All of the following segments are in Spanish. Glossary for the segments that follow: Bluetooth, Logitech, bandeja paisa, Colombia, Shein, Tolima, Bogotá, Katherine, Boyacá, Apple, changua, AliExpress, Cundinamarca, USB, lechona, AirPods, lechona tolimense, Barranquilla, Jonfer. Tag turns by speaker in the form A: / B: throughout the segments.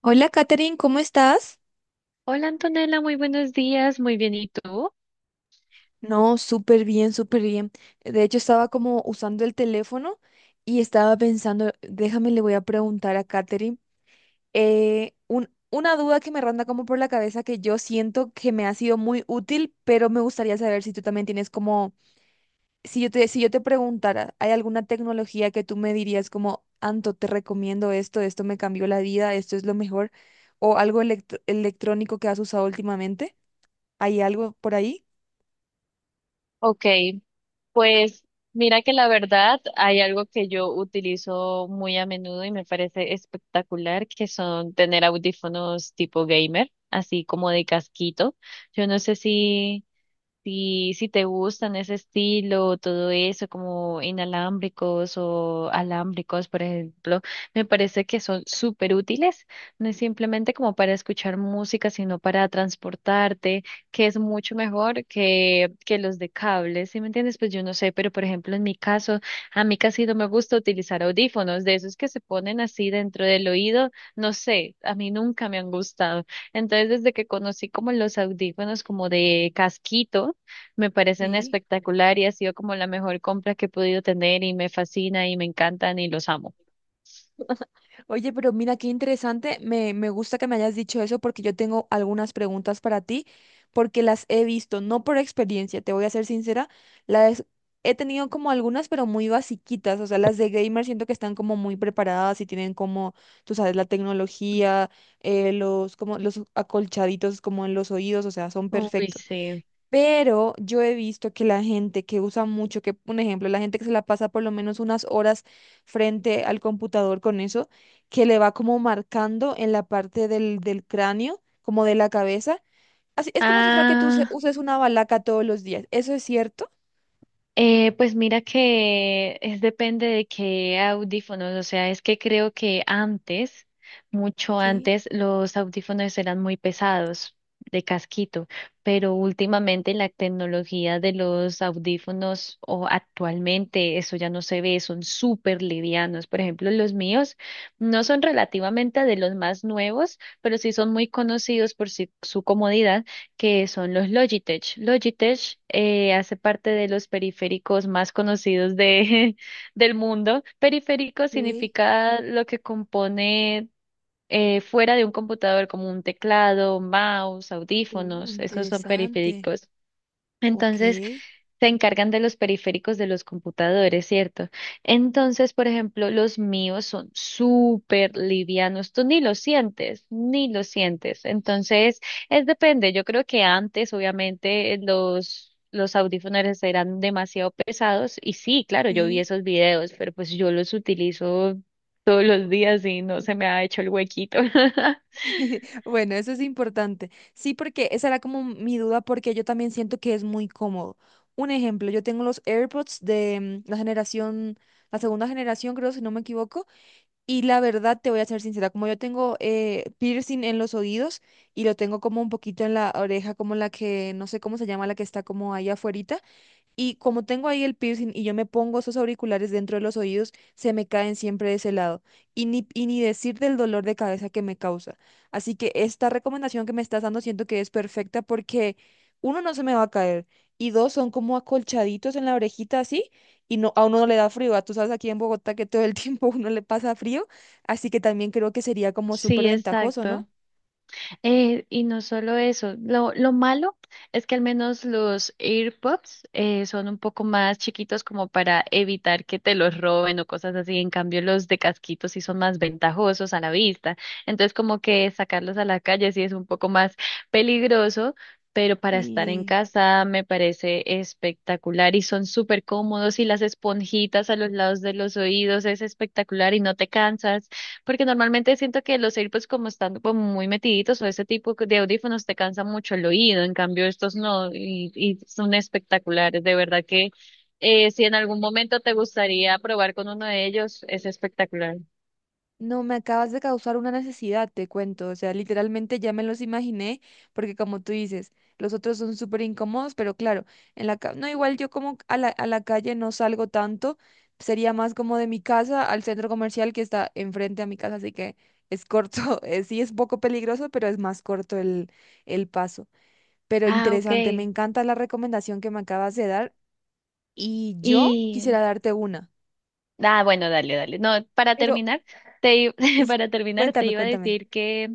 A: Hola, Katherine, ¿cómo estás?
B: Hola Antonella, muy buenos días, muy bien, ¿y tú?
A: No, súper bien, súper bien. De hecho, estaba como usando el teléfono y estaba pensando, déjame, le voy a preguntar a Katherine una duda que me ronda como por la cabeza que yo siento que me ha sido muy útil, pero me gustaría saber si tú también tienes como, si yo te preguntara, ¿hay alguna tecnología que tú me dirías como, Anto, te recomiendo esto, esto me cambió la vida, esto es lo mejor, o algo electrónico que has usado últimamente? ¿Hay algo por ahí?
B: Ok, pues mira que la verdad hay algo que yo utilizo muy a menudo y me parece espectacular, que son tener audífonos tipo gamer, así como de casquito. Yo no sé si. Si, si te gustan ese estilo, todo eso, como inalámbricos o alámbricos, por ejemplo, me parece que son súper útiles. No es simplemente como para escuchar música, sino para transportarte, que es mucho mejor que los de cables, ¿sí me entiendes? Pues yo no sé, pero por ejemplo, en mi caso, a mí casi no me gusta utilizar audífonos, de esos que se ponen así dentro del oído, no sé, a mí nunca me han gustado. Entonces, desde que conocí como los audífonos como de casquito, me parecen
A: Sí.
B: espectacular y ha sido como la mejor compra que he podido tener y me fascina y me encantan y los amo.
A: Oye, pero mira qué interesante. Me gusta que me hayas dicho eso porque yo tengo algunas preguntas para ti, porque las he visto, no por experiencia, te voy a ser sincera, las he tenido como algunas, pero muy basiquitas. O sea, las de gamer siento que están como muy preparadas y tienen como, tú sabes, la tecnología, los, como los acolchaditos como en los oídos, o sea, son
B: Uy,
A: perfectos.
B: sí.
A: Pero yo he visto que la gente que usa mucho, que un ejemplo, la gente que se la pasa por lo menos unas horas frente al computador con eso, que le va como marcando en la parte del cráneo, como de la cabeza. Así, es como si fuera que
B: Ah.
A: uses una balaca todos los días. ¿Eso es cierto?
B: Pues mira que es depende de qué audífonos, o sea, es que creo que antes, mucho
A: Sí,
B: antes, los audífonos eran muy pesados de casquito, pero últimamente la tecnología de los audífonos o actualmente eso ya no se ve, son súper livianos. Por ejemplo, los míos no son relativamente de los más nuevos, pero sí son muy conocidos por su comodidad, que son los Logitech. Logitech hace parte de los periféricos más conocidos de, del mundo. Periférico
A: sí.
B: significa lo que compone fuera de un computador, como un teclado, mouse, audífonos, esos son
A: Interesante.
B: periféricos.
A: Ok,
B: Entonces, se encargan de los periféricos de los computadores, ¿cierto? Entonces, por ejemplo, los míos son súper livianos. Tú ni los sientes, ni los sientes. Entonces, es depende. Yo creo que antes, obviamente, los... Los audífonos eran demasiado pesados y sí, claro, yo vi
A: sí.
B: esos videos, pero pues yo los utilizo todos los días y no se me ha hecho el huequito.
A: Bueno, eso es importante. Sí, porque esa era como mi duda, porque yo también siento que es muy cómodo. Un ejemplo, yo tengo los AirPods de la generación, la segunda generación, creo, si no me equivoco, y la verdad te voy a ser sincera, como yo tengo piercing en los oídos y lo tengo como un poquito en la oreja, como la que, no sé cómo se llama, la que está como ahí afuera, y como tengo ahí el piercing y yo me pongo esos auriculares dentro de los oídos, se me caen siempre de ese lado. Y ni decir del dolor de cabeza que me causa. Así que esta recomendación que me estás dando siento que es perfecta porque uno no se me va a caer y dos son como acolchaditos en la orejita así y no, a uno no le da frío. Ah, tú sabes aquí en Bogotá que todo el tiempo uno le pasa frío, así que también creo que sería como súper
B: Sí,
A: ventajoso, ¿no?
B: exacto. Y no solo eso, lo malo es que al menos los AirPods son un poco más chiquitos como para evitar que te los roben o cosas así. En cambio, los de casquitos sí son más ventajosos a la vista. Entonces, como que sacarlos a la calle sí es un poco más peligroso, pero para estar en
A: Sí.
B: casa me parece espectacular y son súper cómodos y las esponjitas a los lados de los oídos es espectacular y no te cansas. Porque normalmente siento que los AirPods como están como muy metiditos o ese tipo de audífonos te cansa mucho el oído, en cambio estos no, y son espectaculares, de verdad que si en algún momento te gustaría probar con uno de ellos, es espectacular.
A: No, me acabas de causar una necesidad, te cuento. O sea, literalmente ya me los imaginé, porque como tú dices, los otros son súper incómodos, pero claro, no, igual yo como a a la calle no salgo tanto, sería más como de mi casa al centro comercial que está enfrente a mi casa, así que es corto, sí es poco peligroso, pero es más corto el paso. Pero
B: Ah, ok.
A: interesante, me encanta la recomendación que me acabas de dar y yo
B: ¿Y,
A: quisiera darte una,
B: ah, bueno, dale, dale. No, para
A: pero
B: terminar, te, i-
A: es-
B: para terminar, te
A: cuéntame,
B: iba a
A: cuéntame.
B: decir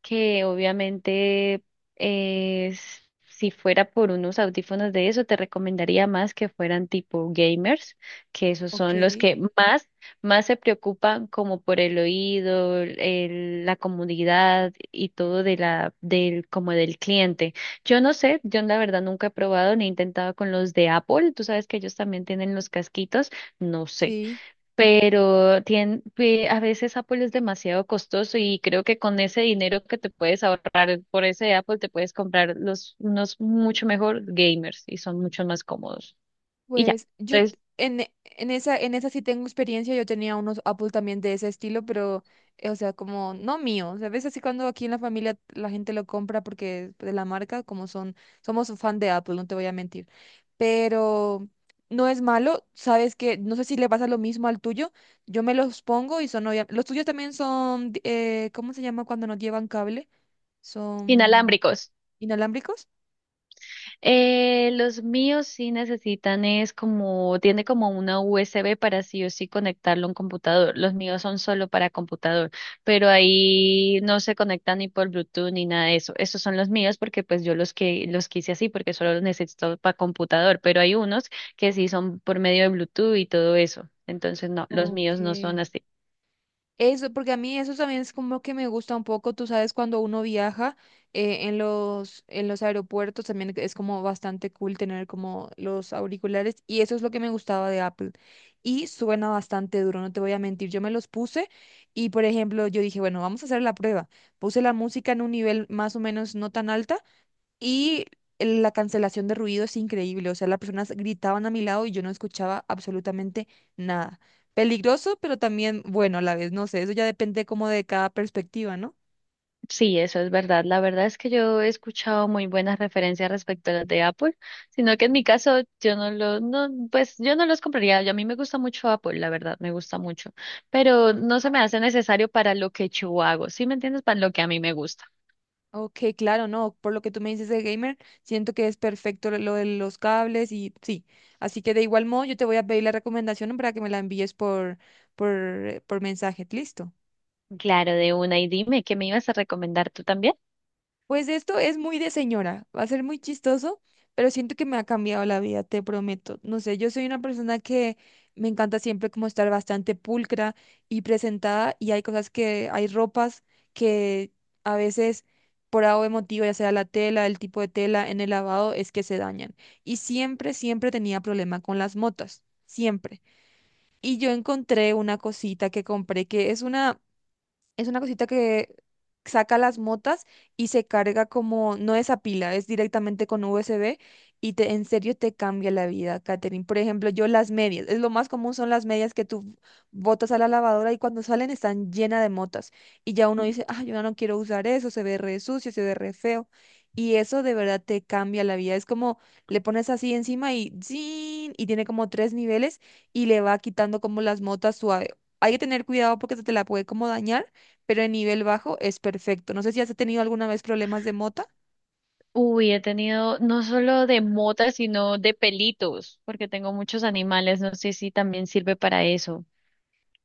B: que obviamente si fuera por unos audífonos de eso, te recomendaría más que fueran tipo gamers, que esos
A: Ok,
B: son los que más, más se preocupan como por el oído, la comodidad y todo de la, del, como del cliente. Yo no sé, yo la verdad nunca he probado ni he intentado con los de Apple. Tú sabes que ellos también tienen los casquitos. No sé,
A: sí.
B: pero a veces Apple es demasiado costoso y creo que con ese dinero que te puedes ahorrar por ese Apple te puedes comprar los unos mucho mejor gamers y son mucho más cómodos. Y ya,
A: Pues yo
B: entonces,
A: t- en, e- en esa sí tengo experiencia, yo tenía unos Apple también de ese estilo, pero, o sea, como no mío, ¿sabes? Así cuando aquí en la familia la gente lo compra porque de la marca, como son, somos fan de Apple, no te voy a mentir, pero no es malo, ¿sabes? Que no sé si le pasa lo mismo al tuyo, yo me los pongo y son, los tuyos también son, ¿cómo se llama cuando no llevan cable? ¿Son
B: inalámbricos.
A: inalámbricos?
B: Los míos sí necesitan es como, tiene como una USB para sí o sí conectarlo a un computador. Los míos son solo para computador, pero ahí no se conectan ni por Bluetooth ni nada de eso. Esos son los míos porque pues yo los que los quise así porque solo los necesito para computador, pero hay unos que sí son por medio de Bluetooth y todo eso. Entonces no, los
A: Ok.
B: míos no son así.
A: Eso, porque a mí eso también es como que me gusta un poco, tú sabes, cuando uno viaja en los aeropuertos también es como bastante cool tener como los auriculares y eso es lo que me gustaba de Apple. Y suena bastante duro, no te voy a mentir, yo me los puse y por ejemplo yo dije, bueno, vamos a hacer la prueba. Puse la música en un nivel más o menos no tan alta y la cancelación de ruido es increíble. O sea, las personas gritaban a mi lado y yo no escuchaba absolutamente nada. Peligroso, pero también bueno a la vez. No sé, eso ya depende como de cada perspectiva, ¿no?
B: Sí, eso es verdad. La verdad es que yo he escuchado muy buenas referencias respecto a las de Apple, sino que en mi caso yo no lo, no, pues yo no los compraría. Yo- a mí me gusta mucho Apple, la verdad, me gusta mucho, pero no se me hace necesario para lo que yo hago, ¿sí me entiendes? Para lo que a mí me gusta.
A: Ok, claro, no. Por lo que tú me dices de gamer, siento que es perfecto lo de los cables y sí. Así que de igual modo, yo te voy a pedir la recomendación para que me la envíes por mensaje. ¿Listo?
B: Claro, de una. Y dime, ¿qué me ibas a recomendar tú también?
A: Pues esto es muy de señora, va a ser muy chistoso, pero siento que me ha cambiado la vida, te prometo. No sé, yo soy una persona que me encanta siempre como estar bastante pulcra y presentada y hay cosas que, hay ropas que a veces por algo emotivo, ya sea la tela, el tipo de tela en el lavado, es que se dañan. Y siempre, siempre tenía problema con las motas, siempre. Y yo encontré una cosita que compré que es una... Es una cosita que saca las motas y se carga como, no es a pila, es directamente con USB y te, en serio te cambia la vida, Katherine. Por ejemplo, yo las medias, es lo más común son las medias que tú botas a la lavadora y cuando salen están llenas de motas. Y ya uno dice, ah, yo ya no quiero usar eso, se ve re sucio, se ve re feo. Y eso de verdad te cambia la vida. Es como le pones así encima y ¡zin! Y tiene como tres niveles y le va quitando como las motas suave. Hay que tener cuidado porque se te la puede como dañar pero en nivel bajo es perfecto. No sé si has tenido alguna vez problemas de mota.
B: Uy, he tenido no solo de motas, sino de pelitos, porque tengo muchos animales. No sé si también sirve para eso.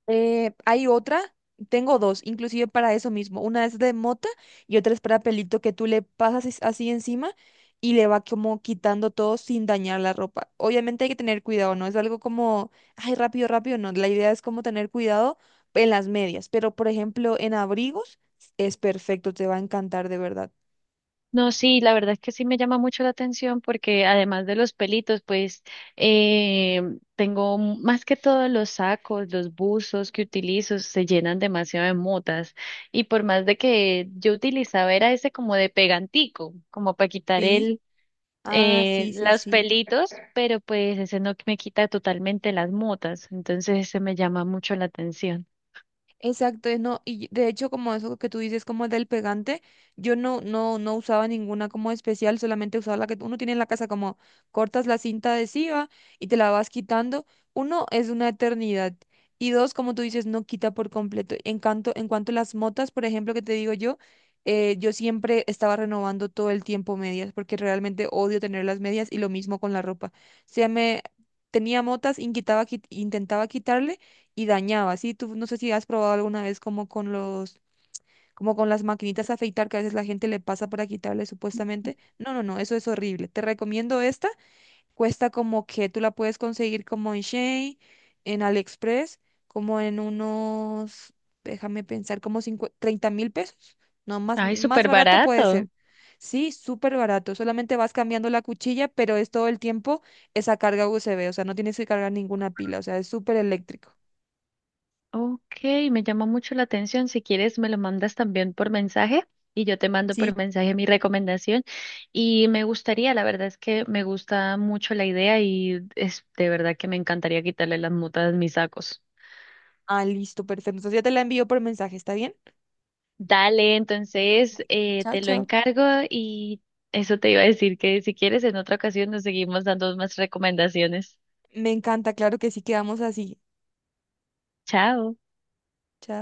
A: Eh, hay otra, tengo dos, inclusive para eso mismo. Una es de mota y otra es para pelito que tú le pasas así encima y le va como quitando todo sin dañar la ropa. Obviamente hay que tener cuidado, no es algo como, ay, rápido, rápido, no. La idea es como tener cuidado en las medias, pero por ejemplo en abrigos es perfecto, te va a encantar de verdad.
B: No, sí, la verdad es que sí me llama mucho la atención porque además de los pelitos, pues eh, tengo más que todo los sacos, los buzos que utilizo se llenan demasiado de motas y por más de que yo utilizaba era ese como de pegantico, como para quitar
A: Sí.
B: el
A: Ah, sí, sí,
B: los
A: sí.
B: pelitos, pero pues ese no me quita totalmente las motas, entonces ese me llama mucho la atención.
A: Exacto, es no, y de hecho como eso que tú dices como del pegante, yo no usaba ninguna como especial, solamente usaba la que uno tiene en la casa, como cortas la cinta adhesiva y te la vas quitando. Uno, es una eternidad. Y dos, como tú dices, no quita por completo. En cuanto a las motas, por ejemplo, que te digo yo, yo siempre estaba renovando todo el tiempo medias, porque realmente odio tener las medias y lo mismo con la ropa. O sea, me tenía motas, y quitaba, intentaba quitarle y dañaba, ¿sí? Tú no sé si has probado alguna vez como con como con las maquinitas a afeitar que a veces la gente le pasa para quitarle supuestamente. No, no, no, eso es horrible. Te recomiendo esta. Cuesta como que tú la puedes conseguir como en Shein, en AliExpress, como en unos, déjame pensar, como 30.000 pesos. No, más,
B: Ay,
A: más
B: súper
A: barato puede
B: barato.
A: ser. Sí, súper barato. Solamente vas cambiando la cuchilla, pero es todo el tiempo esa carga USB. O sea, no tienes que cargar ninguna pila. O sea, es súper eléctrico.
B: Ok, me llama mucho la atención. Si quieres, me lo mandas también por mensaje y yo te mando por
A: Sí,
B: mensaje mi recomendación. Y me gustaría, la verdad es que me gusta mucho la idea y es de verdad que me encantaría quitarle las mutas a mis sacos.
A: ah, listo, perfecto. Entonces ya te la envío por mensaje, ¿está bien?
B: Dale, entonces
A: Vale. Chao,
B: te lo
A: chao.
B: encargo y eso te iba a decir que si quieres en otra ocasión nos seguimos dando más recomendaciones.
A: Me encanta, claro que sí, quedamos así.
B: Chao.
A: Chao.